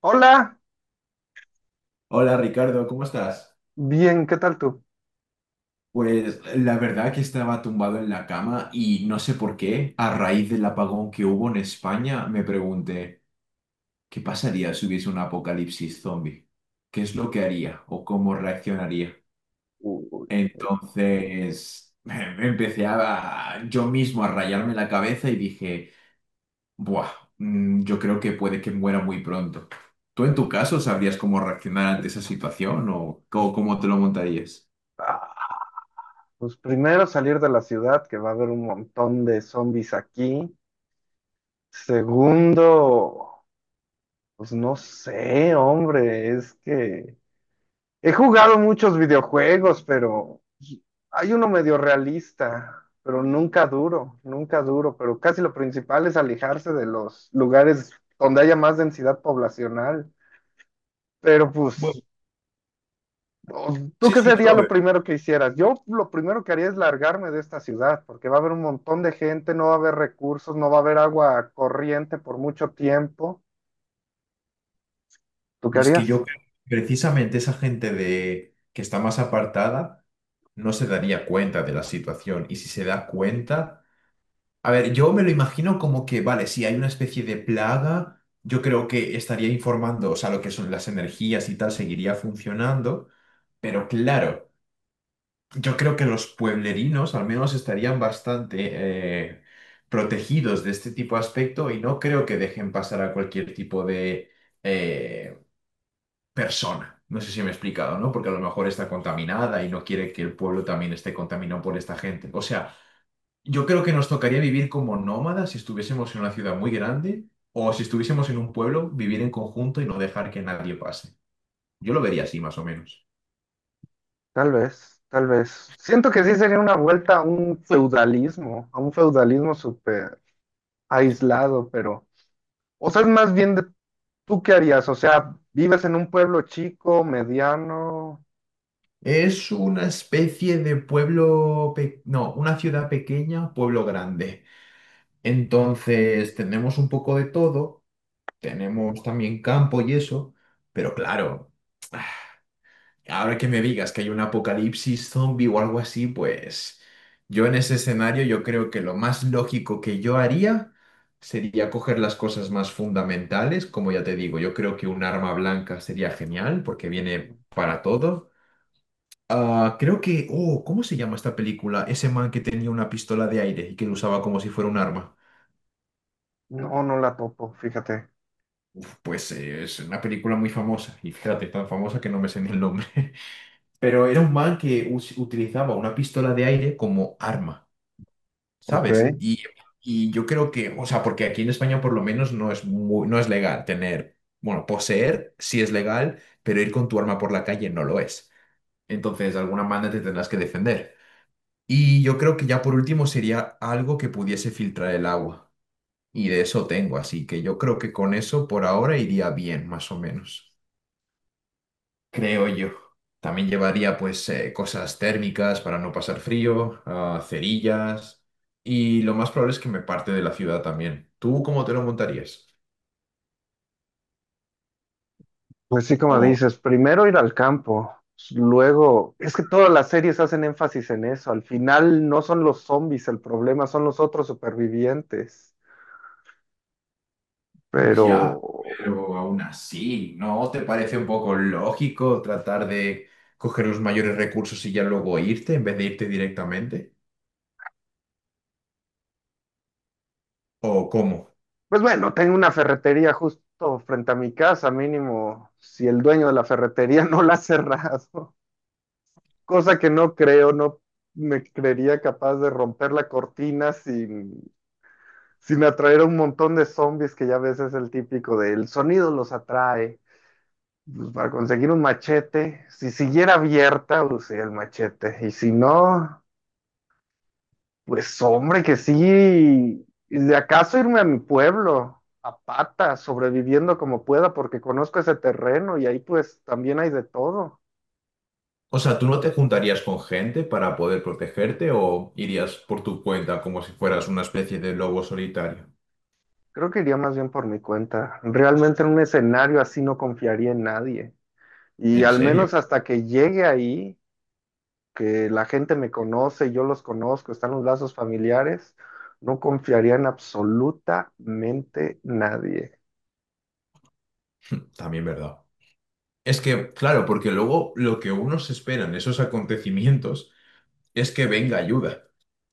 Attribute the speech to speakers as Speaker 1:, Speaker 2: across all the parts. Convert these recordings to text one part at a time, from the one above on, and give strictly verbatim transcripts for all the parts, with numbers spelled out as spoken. Speaker 1: Hola,
Speaker 2: Hola Ricardo, ¿cómo estás?
Speaker 1: bien, ¿qué tal tú?
Speaker 2: Pues la verdad que estaba tumbado en la cama y no sé por qué, a raíz del apagón que hubo en España, me pregunté, ¿qué pasaría si hubiese un apocalipsis zombie? ¿Qué es lo que haría o cómo reaccionaría? Entonces, me empecé a yo mismo a rayarme la cabeza y dije, buah, mm, yo creo que puede que muera muy pronto. ¿Tú en tu caso sabrías cómo reaccionar ante esa situación o cómo cómo te lo montarías?
Speaker 1: Ah, pues primero salir de la ciudad, que va a haber un montón de zombies aquí. Segundo, pues no sé, hombre, es que he jugado muchos videojuegos, pero hay uno medio realista, pero nunca duro, nunca duro, pero casi lo principal es alejarse de los lugares donde haya más densidad poblacional. Pero
Speaker 2: Bueno,
Speaker 1: pues... ¿Tú
Speaker 2: sí,
Speaker 1: qué
Speaker 2: sí,
Speaker 1: sería
Speaker 2: no,
Speaker 1: lo
Speaker 2: no.
Speaker 1: primero que hicieras? Yo lo primero que haría es largarme de esta ciudad, porque va a haber un montón de gente, no va a haber recursos, no va a haber agua corriente por mucho tiempo. ¿Tú qué
Speaker 2: Y es que yo
Speaker 1: harías?
Speaker 2: creo que precisamente esa gente de que está más apartada no se daría cuenta de la situación. Y si se da cuenta, a ver, yo me lo imagino como que, vale, si hay una especie de plaga, yo creo que estaría informando, o sea, lo que son las energías y tal, seguiría funcionando. Pero claro, yo creo que los pueblerinos al menos estarían bastante eh, protegidos de este tipo de aspecto y no creo que dejen pasar a cualquier tipo de... eh, persona. No sé si me he explicado, ¿no? Porque a lo mejor está contaminada y no quiere que el pueblo también esté contaminado por esta gente. O sea, yo creo que nos tocaría vivir como nómadas si estuviésemos en una ciudad muy grande o si estuviésemos en un pueblo, vivir en conjunto y no dejar que nadie pase. Yo lo vería así, más o menos.
Speaker 1: Tal vez, tal vez. Siento que sí sería una vuelta a un feudalismo, a un feudalismo súper aislado, pero, o sea, es más bien de tú qué harías, o sea, vives en un pueblo chico, mediano,
Speaker 2: Es una especie de pueblo, pe- no, una ciudad pequeña, pueblo grande. Entonces, tenemos un poco de todo, tenemos también campo y eso, pero claro. Ahora que me digas que hay un apocalipsis zombie o algo así, pues yo en ese escenario yo creo que lo más lógico que yo haría sería coger las cosas más fundamentales, como ya te digo, yo creo que un arma blanca sería genial porque viene para todo. Ah, creo que, oh, ¿cómo se llama esta película? Ese man que tenía una pistola de aire y que lo usaba como si fuera un arma.
Speaker 1: no, no la topo, fíjate.
Speaker 2: Uf, pues eh, es una película muy famosa y fíjate, tan famosa que no me sé ni el nombre. Pero era un man que us- utilizaba una pistola de aire como arma, ¿sabes?
Speaker 1: Ok.
Speaker 2: Y, y yo creo que, o sea, porque aquí en España por lo menos no es muy- no es legal tener, bueno, poseer sí es legal, pero ir con tu arma por la calle no lo es. Entonces, de alguna manera te tendrás que defender. Y yo creo que ya por último sería algo que pudiese filtrar el agua. Y de eso tengo, así que yo creo que con eso por ahora iría bien, más o menos. Creo yo. También llevaría pues eh, cosas térmicas para no pasar frío, ah, cerillas y lo más probable es que me parte de la ciudad también. ¿Tú cómo te lo montarías?
Speaker 1: Pues sí, como
Speaker 2: Oh,
Speaker 1: dices, primero ir al campo, luego, es que todas las series hacen énfasis en eso, al final no son los zombies el problema, son los otros supervivientes, pero,
Speaker 2: ya, pero aún así, ¿no te parece un poco lógico tratar de coger los mayores recursos y ya luego irte en vez de irte directamente? ¿O cómo?
Speaker 1: pues bueno, tengo una ferretería justo frente a mi casa, mínimo, si el dueño de la ferretería no la ha cerrado, cosa que no creo, no me creería capaz de romper la cortina sin, sin atraer a un montón de zombies que ya ves es el típico del sonido los atrae. Pues para conseguir un machete, si siguiera abierta, usé el machete. Y si no, pues hombre, que sí. ¿Y de acaso irme a mi pueblo, a pata, sobreviviendo como pueda, porque conozco ese terreno y ahí pues también hay de todo.
Speaker 2: O sea, ¿tú no te juntarías con gente para poder protegerte o irías por tu cuenta como si fueras una especie de lobo solitario?
Speaker 1: Creo que iría más bien por mi cuenta. Realmente en un escenario así no confiaría en nadie. Y
Speaker 2: ¿En
Speaker 1: al menos
Speaker 2: serio?
Speaker 1: hasta que llegue ahí. Que la gente me conoce, yo los conozco, están los lazos familiares, no confiaría en absolutamente nadie.
Speaker 2: También verdad. Es que, claro, porque luego lo que unos esperan en esos acontecimientos es que venga ayuda.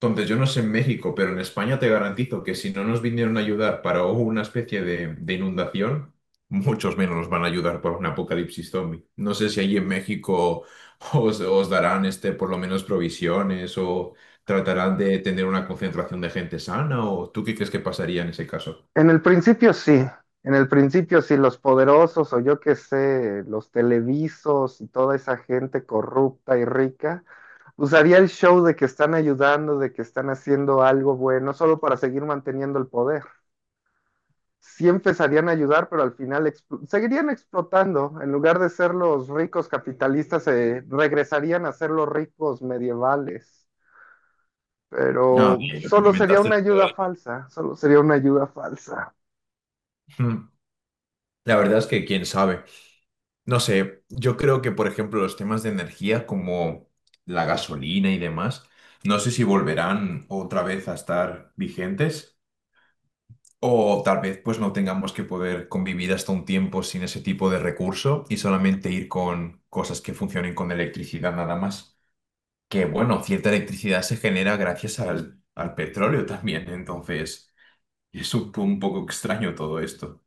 Speaker 2: Entonces, yo no sé en México, pero en España te garantizo que si no nos vinieron a ayudar para una especie de, de inundación, muchos menos nos van a ayudar para un apocalipsis zombie. No sé si allí en México os, os darán este, por lo menos provisiones o tratarán de tener una concentración de gente sana o ¿tú qué crees que pasaría en ese caso?
Speaker 1: En el principio sí, en el principio sí, los poderosos o yo qué sé, los televisos y toda esa gente corrupta y rica, usaría el show de que están ayudando, de que están haciendo algo bueno, solo para seguir manteniendo el poder. Sí empezarían a ayudar, pero al final expl- seguirían explotando. En lugar de ser los ricos capitalistas, se regresarían a ser los ricos medievales.
Speaker 2: Ah,
Speaker 1: Pero
Speaker 2: bien, lo que
Speaker 1: solo sería una
Speaker 2: comentaste.
Speaker 1: ayuda falsa, solo sería una ayuda falsa.
Speaker 2: Mm. La verdad es que quién sabe. No sé, yo creo que, por ejemplo, los temas de energía como la gasolina y demás, no sé si volverán otra vez a estar vigentes o tal vez pues no tengamos que poder convivir hasta un tiempo sin ese tipo de recurso y solamente ir con cosas que funcionen con electricidad nada más. Que bueno, cierta electricidad se genera gracias al, al petróleo también, entonces es un, un poco extraño todo esto.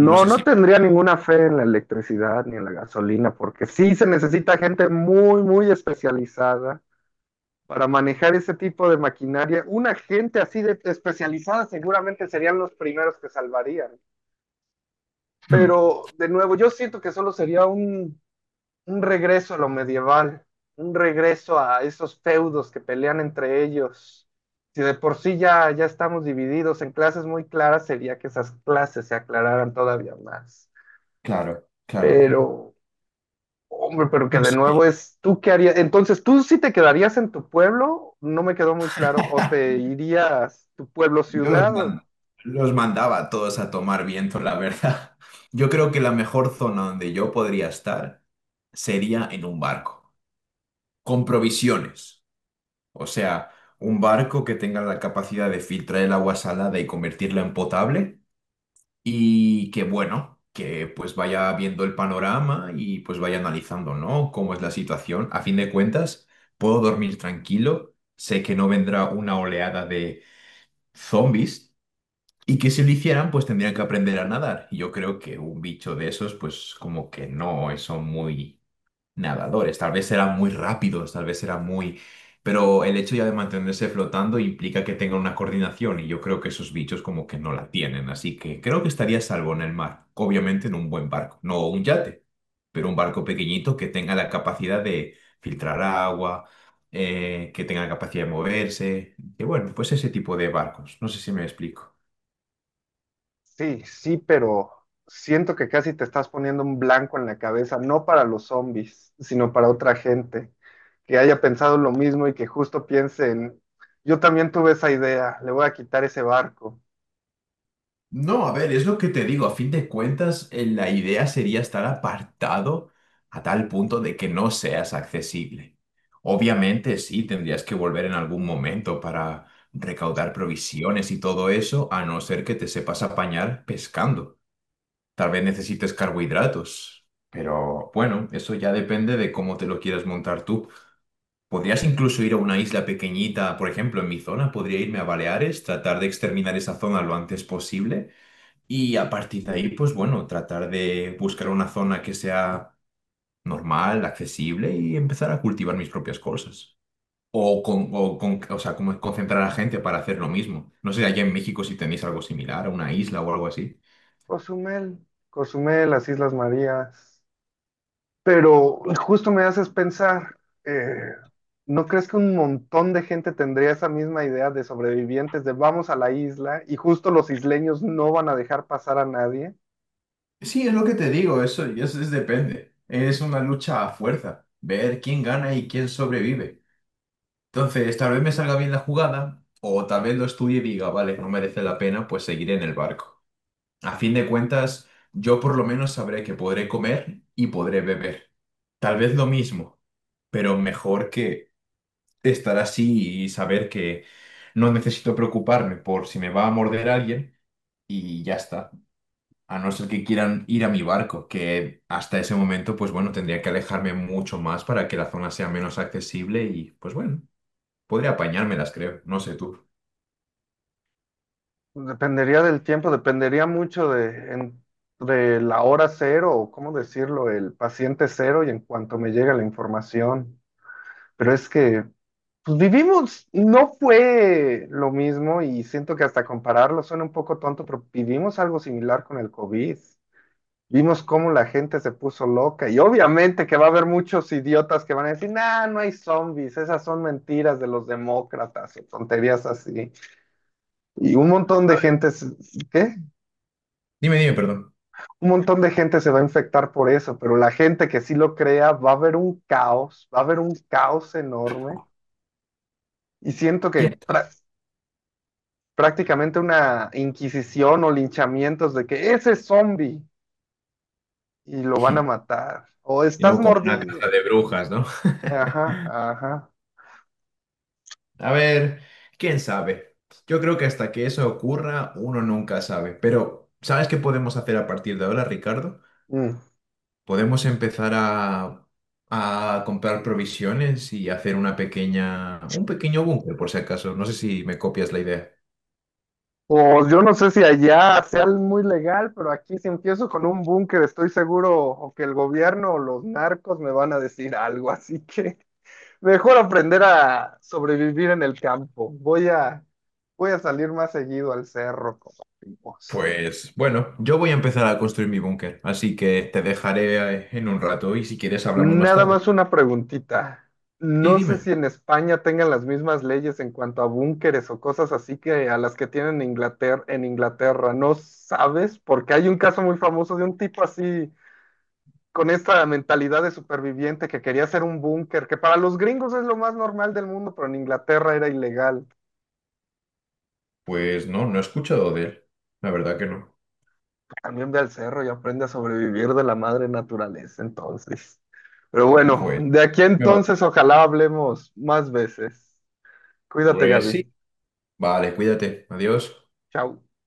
Speaker 2: No sé
Speaker 1: no
Speaker 2: si...
Speaker 1: tendría ninguna fe en la electricidad ni en la gasolina, porque sí se necesita gente muy, muy especializada para manejar ese tipo de maquinaria. Una gente así de especializada seguramente serían los primeros que salvarían.
Speaker 2: Hmm.
Speaker 1: Pero de nuevo, yo siento que solo sería un, un regreso a lo medieval, un regreso a esos feudos que pelean entre ellos. Si de por sí ya, ya estamos divididos en clases muy claras, sería que esas clases se aclararan todavía más.
Speaker 2: Claro, claro.
Speaker 1: Pero, hombre, pero que
Speaker 2: No
Speaker 1: de
Speaker 2: sé.
Speaker 1: nuevo es, ¿tú qué harías? Entonces, ¿tú sí te quedarías en tu pueblo? No me quedó muy claro. ¿O te irías tu pueblo
Speaker 2: Yo los,
Speaker 1: ciudad o
Speaker 2: man- los mandaba a todos a tomar viento, la verdad. Yo creo que la mejor zona donde yo podría estar sería en un barco, con provisiones. O sea, un barco que tenga la capacidad de filtrar el agua salada y convertirla en potable y que, bueno, que pues vaya viendo el panorama y pues vaya analizando, ¿no? Cómo es la situación. A fin de cuentas, puedo dormir tranquilo, sé que no vendrá una oleada de zombies y que si lo hicieran, pues tendrían que aprender a nadar. Y yo creo que un bicho de esos, pues como que no son muy nadadores. Tal vez eran muy rápidos, tal vez eran muy... Pero el hecho ya de mantenerse flotando implica que tengan una coordinación y yo creo que esos bichos como que no la tienen. Así que creo que estaría a salvo en el mar. Obviamente en un buen barco, no un yate, pero un barco pequeñito que tenga la capacidad de filtrar agua, eh, que tenga capacidad de moverse. Y bueno, pues ese tipo de barcos. No sé si me explico.
Speaker 1: Sí, sí, pero siento que casi te estás poniendo un blanco en la cabeza, no para los zombies, sino para otra gente que haya pensado lo mismo y que justo piense en, yo también tuve esa idea, le voy a quitar ese barco.
Speaker 2: No, a ver, es lo que te digo. A fin de cuentas, eh, la idea sería estar apartado a tal punto de que no seas accesible. Obviamente, sí, tendrías que volver en algún momento para recaudar provisiones y todo eso, a no ser que te sepas apañar pescando. Tal vez necesites carbohidratos, pero bueno, eso ya depende de cómo te lo quieras montar tú. Podrías incluso ir a una isla pequeñita, por ejemplo, en mi zona, podría irme a Baleares, tratar de exterminar esa zona lo antes posible y a partir de ahí, pues bueno, tratar de buscar una zona que sea normal, accesible y empezar a cultivar mis propias cosas. O, con, o, con- o sea, como concentrar a la gente para hacer lo mismo. No sé, allá en México si tenéis algo similar, una isla o algo así.
Speaker 1: Cozumel, Cozumel, las Islas Marías. Pero justo me haces pensar, eh, ¿no crees que un montón de gente tendría esa misma idea de sobrevivientes de vamos a la isla y justo los isleños no van a dejar pasar a nadie?
Speaker 2: Sí, es lo que te digo, eso, eso es, depende. Es una lucha a fuerza, ver quién gana y quién sobrevive. Entonces, tal vez me salga bien la jugada, o tal vez lo estudie y diga, vale, no merece la pena, pues seguiré en el barco. A fin de cuentas, yo por lo menos sabré que podré comer y podré beber. Tal vez lo mismo, pero mejor que estar así y saber que no necesito preocuparme por si me va a morder alguien y ya está. A no ser que quieran ir a mi barco, que hasta ese momento, pues bueno, tendría que alejarme mucho más para que la zona sea menos accesible y, pues bueno, podría apañármelas, creo. No sé tú.
Speaker 1: Pues, dependería del tiempo, dependería mucho de, en- de la hora cero o, ¿cómo decirlo?, el paciente cero y en cuanto me llega la información. Pero es que, pues vivimos, no fue lo mismo y siento que hasta compararlo suena un poco tonto, pero vivimos algo similar con el COVID. Vimos cómo la gente se puso loca y obviamente que va a haber muchos idiotas que van a decir, nah, no hay zombies, esas son mentiras de los demócratas o tonterías así. Y un montón de gente, ¿qué?
Speaker 2: Dime, dime, perdón.
Speaker 1: Un montón de gente se va a infectar por eso, pero la gente que sí lo crea va a haber un caos, va a haber un caos enorme y siento
Speaker 2: ¿Quién?
Speaker 1: que prá- prácticamente una inquisición o linchamientos de que ese es zombie y lo van a matar o
Speaker 2: Y
Speaker 1: estás
Speaker 2: no como una caja
Speaker 1: mordido.
Speaker 2: de brujas, ¿no?
Speaker 1: Ajá, ajá.
Speaker 2: A ver, quién sabe. Yo creo que hasta que eso ocurra, uno nunca sabe. Pero, ¿sabes qué podemos hacer a partir de ahora, Ricardo?
Speaker 1: Mm.
Speaker 2: Podemos empezar a, a comprar provisiones y hacer una pequeña, un pequeño búnker, por si acaso. No sé si me copias la idea.
Speaker 1: O yo no sé si allá sea muy legal, pero aquí si empiezo con un búnker estoy seguro o que el gobierno o los narcos me van a decir algo, así que... Mejor aprender a sobrevivir en el campo. Voy a, voy a salir más seguido al cerro, como decimos.
Speaker 2: Pues bueno, yo voy a empezar a construir mi búnker, así que te dejaré eh, en un rato y si quieres hablamos más
Speaker 1: Nada
Speaker 2: tarde.
Speaker 1: más una preguntita.
Speaker 2: Sí,
Speaker 1: No sé
Speaker 2: dime.
Speaker 1: si en España tengan las mismas leyes en cuanto a búnkeres o cosas así que a las que tienen en Inglaterra, en Inglaterra. ¿No sabes? Porque hay un caso muy famoso de un tipo así, con esta mentalidad de superviviente que quería hacer un búnker, que para los gringos es lo más normal del mundo, pero en Inglaterra era ilegal.
Speaker 2: Pues no, no he escuchado de él. La verdad que no.
Speaker 1: También ve al cerro y aprende a sobrevivir de la madre naturaleza, entonces. Pero bueno,
Speaker 2: Pues,
Speaker 1: de aquí
Speaker 2: me va.
Speaker 1: entonces ojalá hablemos más veces. Cuídate,
Speaker 2: Pues
Speaker 1: Gaby.
Speaker 2: sí. Vale, cuídate. Adiós.
Speaker 1: Chao.